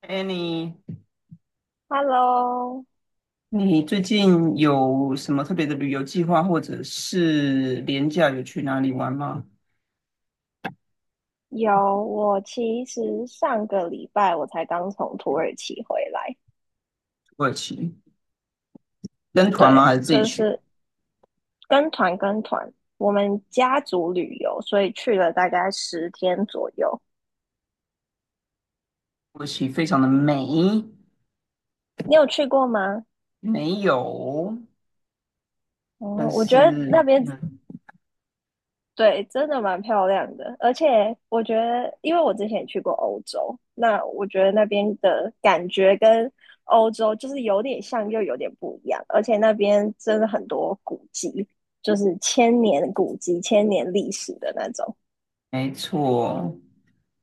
哎，你 Hello，你最近有什么特别的旅游计划，或者是廉价有去哪里玩吗？有，我其实上个礼拜我才刚从土耳其回来。土耳其跟团吗？对，还是自己就去？是跟团跟团，我们家族旅游，所以去了大概十天左右。土耳其非常的美，你有去过吗？没有，嗯，但我觉得那是边对，真的蛮漂亮的。而且我觉得，因为我之前也去过欧洲，那我觉得那边的感觉跟欧洲就是有点像，又有点不一样，而且那边真的很多古迹，就是千年古迹、千年历史的那种。没错，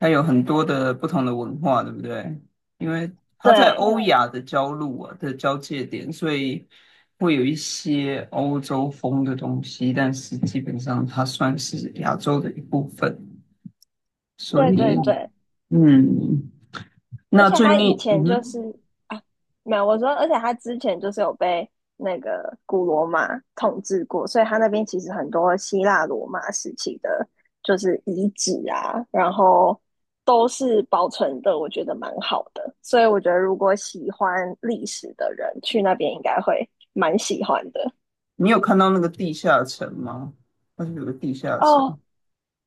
它有很多的不同的文化，对不对？因为它在对，欧亚的交路啊的交界点，所以会有一些欧洲风的东西，但是基本上它算是亚洲的一部分。所对以，对对，嗯，而那且他以嗯前就是哼，啊，没有，我说，而且他之前就是有被那个古罗马统治过，所以他那边其实很多希腊罗马时期的，就是遗址啊，然后都是保存的，我觉得蛮好的。所以我觉得如果喜欢历史的人去那边，应该会蛮喜欢的。你有看到那个地下城吗？它是有个地下城，哦，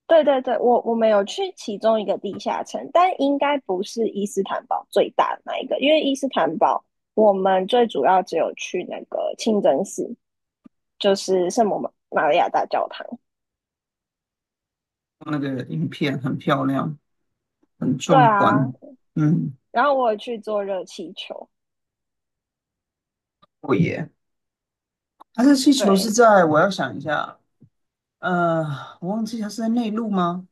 对对对，我们有去其中一个地下城，但应该不是伊斯坦堡最大的那一个。因为伊斯坦堡我们最主要只有去那个清真寺，就是圣母玛利亚大教堂。那个影片很漂亮，很对壮啊，观。嗯，然后我有去坐热气球。我也，它这气球是对，在，我要想一下，呃，我忘记它是在内陆吗？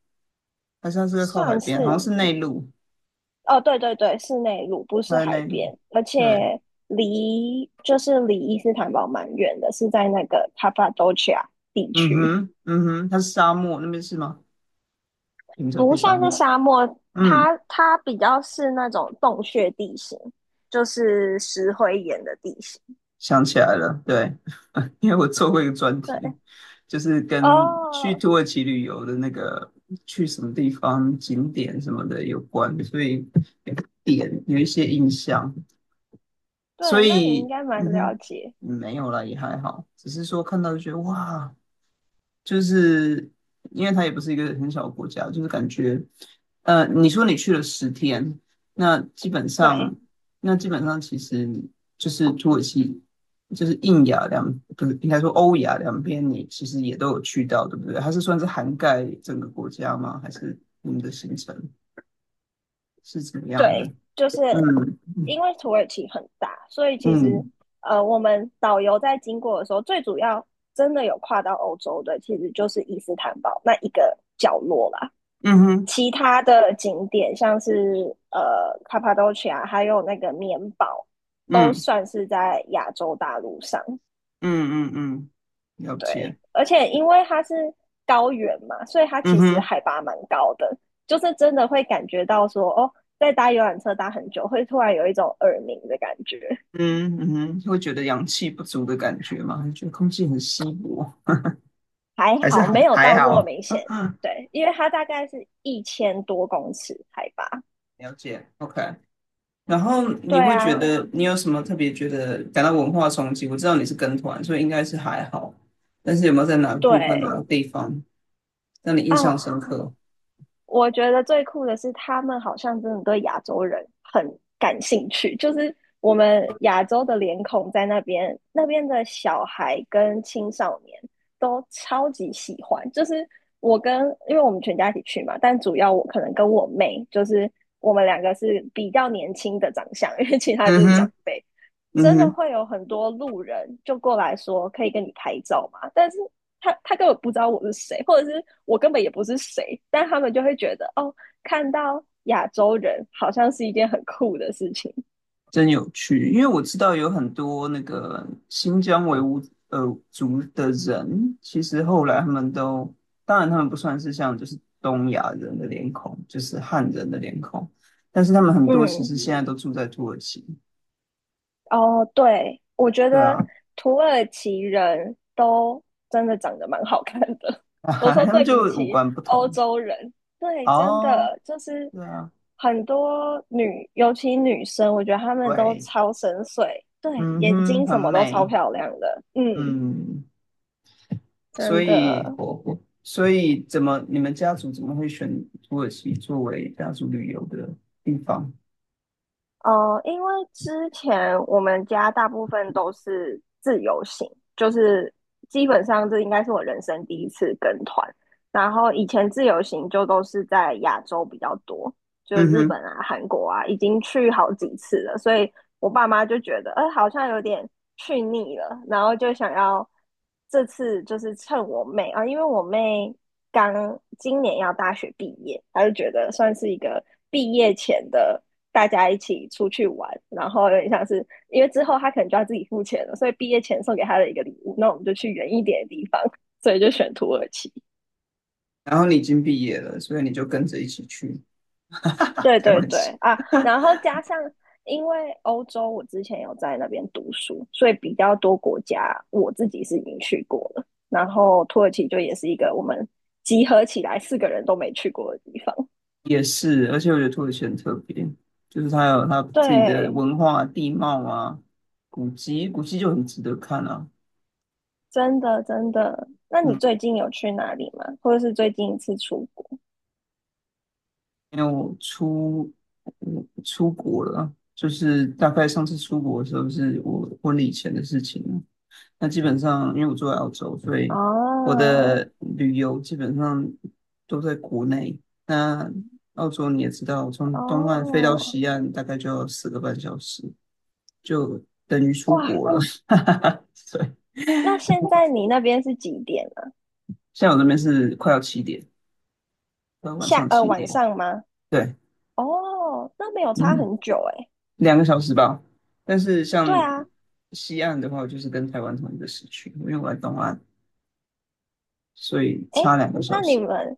还是它是在靠海算边？好像是是内陆，哦，对对对，是内陆，不它是在海内陆。边，而对，且离就是离伊斯坦堡蛮远的，是在那个 c 帕多 p a 地嗯区。哼，嗯哼，它是沙漠那边是吗？停着不非算是常，沙漠，嗯它比较是那种洞穴地形，就是石灰岩的地形。想起来了，对，因为我做过一个专对，题，就是跟去哦，土耳其旅游的那个去什么地方景点什么的有关，所以有个点有一些印象，所对，那你应以该蛮嗯了哼，解。没有啦，也还好，只是说看到就觉得哇，就是因为它也不是一个很小的国家，就是感觉，你说你去了10天，那基本对上，那基本上其实就是土耳其，就是印亚两，不是应该说欧亚两边，你其实也都有去到，对不对？它是算是涵盖整个国家吗？还是你们的行程是怎么样的？对，就是嗯嗯因为土耳其很大，所以其实嗯我们导游在经过的时候，最主要真的有跨到欧洲的，其实就是伊斯坦堡那一个角落啦。嗯哼其他的景点，像是卡帕多奇亚，还有那个棉堡，都嗯算是在亚洲大陆上。嗯嗯嗯，了对，解，而且因为它是高原嘛，所以它嗯其实哼。海拔蛮高的，就是真的会感觉到说，哦，在搭游览车搭很久，会突然有一种耳鸣的感觉。嗯嗯哼，会觉得氧气不足的感觉吗？还是觉得空气很稀薄，还还是好没还有还到这么好？明显，对，因为它大概是一千多公尺海拔。了解，OK。然后对你会觉啊，得你有什么特别觉得感到文化冲击？我知道你是跟团，所以应该是还好。但是有没有在哪个部分、哪对。个地方让你印哦，象深刻？我觉得最酷的是，他们好像真的对亚洲人很感兴趣。就是我们亚洲的脸孔在那边，那边的小孩跟青少年都超级喜欢。就是我跟，因为我们全家一起去嘛，但主要我可能跟我妹，就是我们两个是比较年轻的长相，因为其他就嗯是长哼，辈。嗯真的哼。会有很多路人就过来说可以跟你拍照嘛？但是他根本不知道我是谁，或者是我根本也不是谁，但他们就会觉得哦，看到亚洲人好像是一件很酷的事情。真有趣，因为我知道有很多那个新疆维吾尔族的人，其实后来他们都，当然他们不算是像就是东亚人的脸孔，就是汉人的脸孔，但是他们很多其嗯，实现在都住在土耳其，哦，对，我觉对啊，得土耳其人都真的长得蛮好看的。我说他们对比就五起官不欧同，洲人，对，真哦，的就是对啊，很多女，尤其女生，我觉得她们都对，超深邃。对，嗯眼哼，睛很什么都超美，漂亮的。嗯，嗯，所真以的。我所以怎么你们家族怎么会选土耳其作为家族旅游的？地方。因为之前我们家大部分都是自由行，就是基本上这应该是我人生第一次跟团。然后以前自由行就都是在亚洲比较多，就嗯日本哼，啊、韩国啊，已经去好几次了，所以我爸妈就觉得，好像有点去腻了，然后就想要这次就是趁我妹啊，因为我妹刚今年要大学毕业，她就觉得算是一个毕业前的大家一起出去玩，然后有点像是因为之后她可能就要自己付钱了，所以毕业前送给她的一个礼物，那我们就去远一点的地方，所以就选土耳其。然后你已经毕业了，所以你就跟着一起去。对开对玩对笑，啊，然后加上因为欧洲，我之前有在那边读书，所以比较多国家我自己是已经去过了。然后土耳其就也是一个我们集合起来四个人都没去过的地方。也是，而且我觉得土耳其很特别，就是它有它自己的对，文化、地貌啊、古迹，古迹就很值得看啊。真的真的。那你嗯，最近有去哪里吗？或者是最近一次出国？因为我出国了，就是大概上次出国的时候是我婚礼前的事情了。那基本上因为我住在澳洲，所以我哦的旅游基本上都在国内。那澳洲你也知道，从东岸飞到哦，西岸大概就要4个半小时，就等于出哇，国了。对，那现在你那边是几点啊？现在我这边是快要七点，快要晚上七晚点。上吗？对，哦，那没有差嗯。很久诶。两个小时吧。但是对像啊，西岸的话，我就是跟台湾同一个时区，因为我在东岸，所以哎，差两个小那你时。们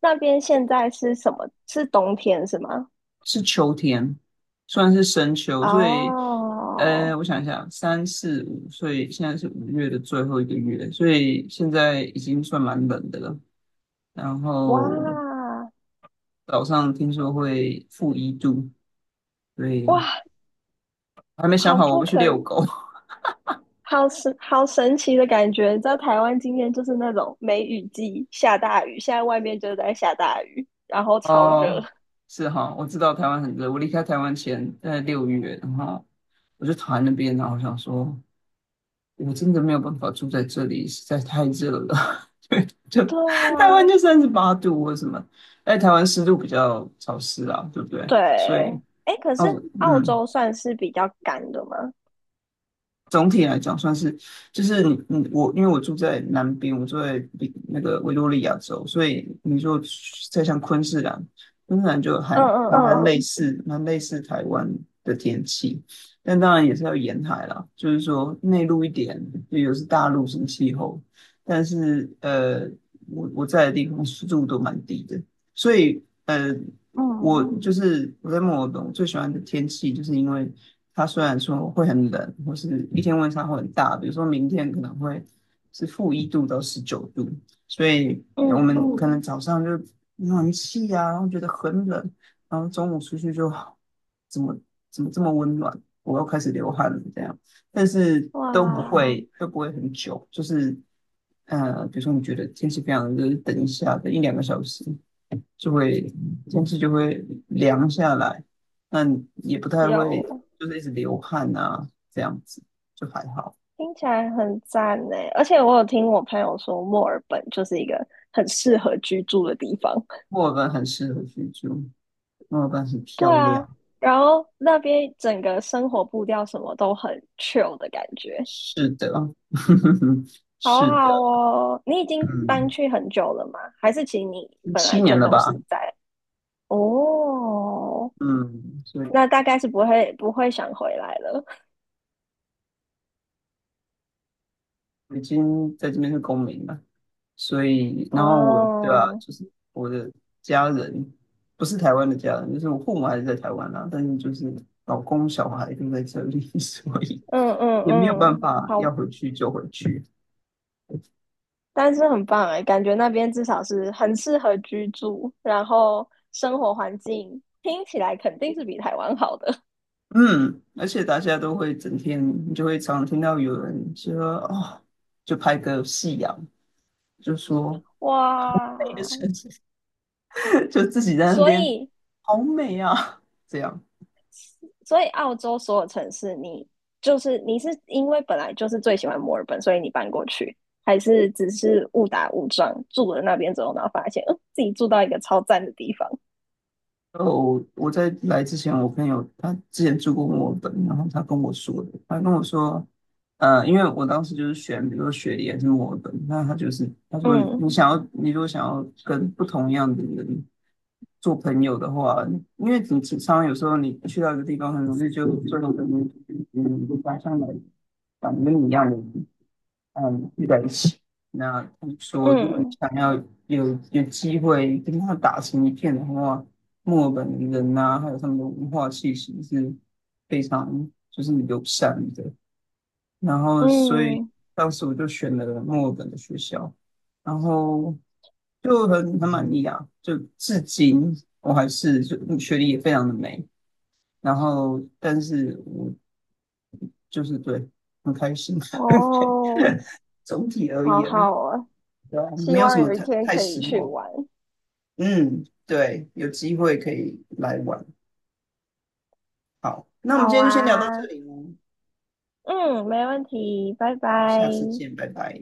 那边现在是什么？是冬天是吗？是秋天，算是深秋，所以哦，我想一下，三四五，所以现在是5月的最后一个月，所以现在已经算蛮冷的了。然后哇早上听说会负一度，所以哇，还没想好好我不不去遛可，狗。好神，好神奇的感觉。你知道台湾今天就是那种梅雨季下大雨，现在外面就在下大雨，然后超热。哦，是哈，我知道台湾很热。我离开台湾前，在6月，然后我就躺在那边，然后我想说，我真的没有办法住在这里，实在太热了。就对台湾呀，就38度或什么，在台湾湿度比较潮湿啊，对不对？对。所以，哎，可是哦，澳嗯，洲算是比较干的吗？总体来讲算是，就是我，因为我住在南边，我住在比那个维多利亚州，所以你说再像昆士兰，昆士兰就还嗯嗯嗯蛮类似台湾的天气，但当然也是要沿海啦，就是说内陆一点，就有是大陆型气候，但是我在的地方湿度都蛮低的，所以我嗯就是我在墨尔本，我最喜欢的天气，就是因为它虽然说会很冷，或是一天温差会很大，比如说明天可能会是-1度到19度，所以我们嗯，哦可能早上就暖气啊，然后觉得很冷，然后中午出去就怎么怎么这么温暖，我又开始流汗了这样，但是都不哇，会都不会很久，就是比如说你觉得天气非常热，就等一下，等一两个小时，就会天气就会凉下来，但也不太会有。就是一直流汗啊，这样子就还好。听起来很赞呢，而且我有听我朋友说，墨尔本就是一个很适合居住的地方。墨尔本很适合居住，墨尔本很对漂啊，亮。然后那边整个生活步调什么都很 chill 的感觉，是的，好是的，好哦。你已经搬嗯，去很久了吗？还是其实你本来7年就了都是吧，在？哦，嗯，所以那大概是不会不会想回来了。我已经在这边是公民了。所以，然后我，对啊，哦，就是我的家人不是台湾的家人，就是我父母还是在台湾啦、但是就是老公小孩都在这里，所以嗯嗯也没有办嗯，法，好要回去就回去。但是很棒哎，感觉那边至少是很适合居住，然后生活环境听起来肯定是比台湾好的。嗯，而且大家都会整天，你就会常常听到有人说哦，就拍个夕阳，就说 美的哇，城市，就自己在那所边以好美啊，这样。所以澳洲所有城市你，就是你是因为本来就是最喜欢墨尔本，所以你搬过去，还是只是误打误撞住了那边之后，然后发现，嗯，自己住到一个超赞的地方。哦，我在来之前，我朋友他之前住过墨尔本，然后他跟我说的，他跟我说，因为我当时就是选，比如说雪梨还是墨尔本，那他就是他说你嗯你想要，你如果想要跟不同样的人做朋友的话，因为你常常有时候你去到一个地方，很容易就做成跟嗯，你嗯家乡的，长得跟你一样的人，嗯，聚在一起。那他们说，如果你嗯想要有机会跟他打成一片的话，墨尔本人呐、还有他们的文化气息是非常就是友善的。然后，所以嗯，当时我就选了墨尔本的学校，然后就很满意啊。就至今我还是就学历也非常的美，然后但是我就是对很开心，很哦，开总体而好言。好啊，对啊希没有什望么有一太天太可以失去望。玩。嗯，对，有机会可以来玩。好，那我们好今天就先聊到这啊，里喽。嗯，没问题，拜拜。好，下次见，拜拜。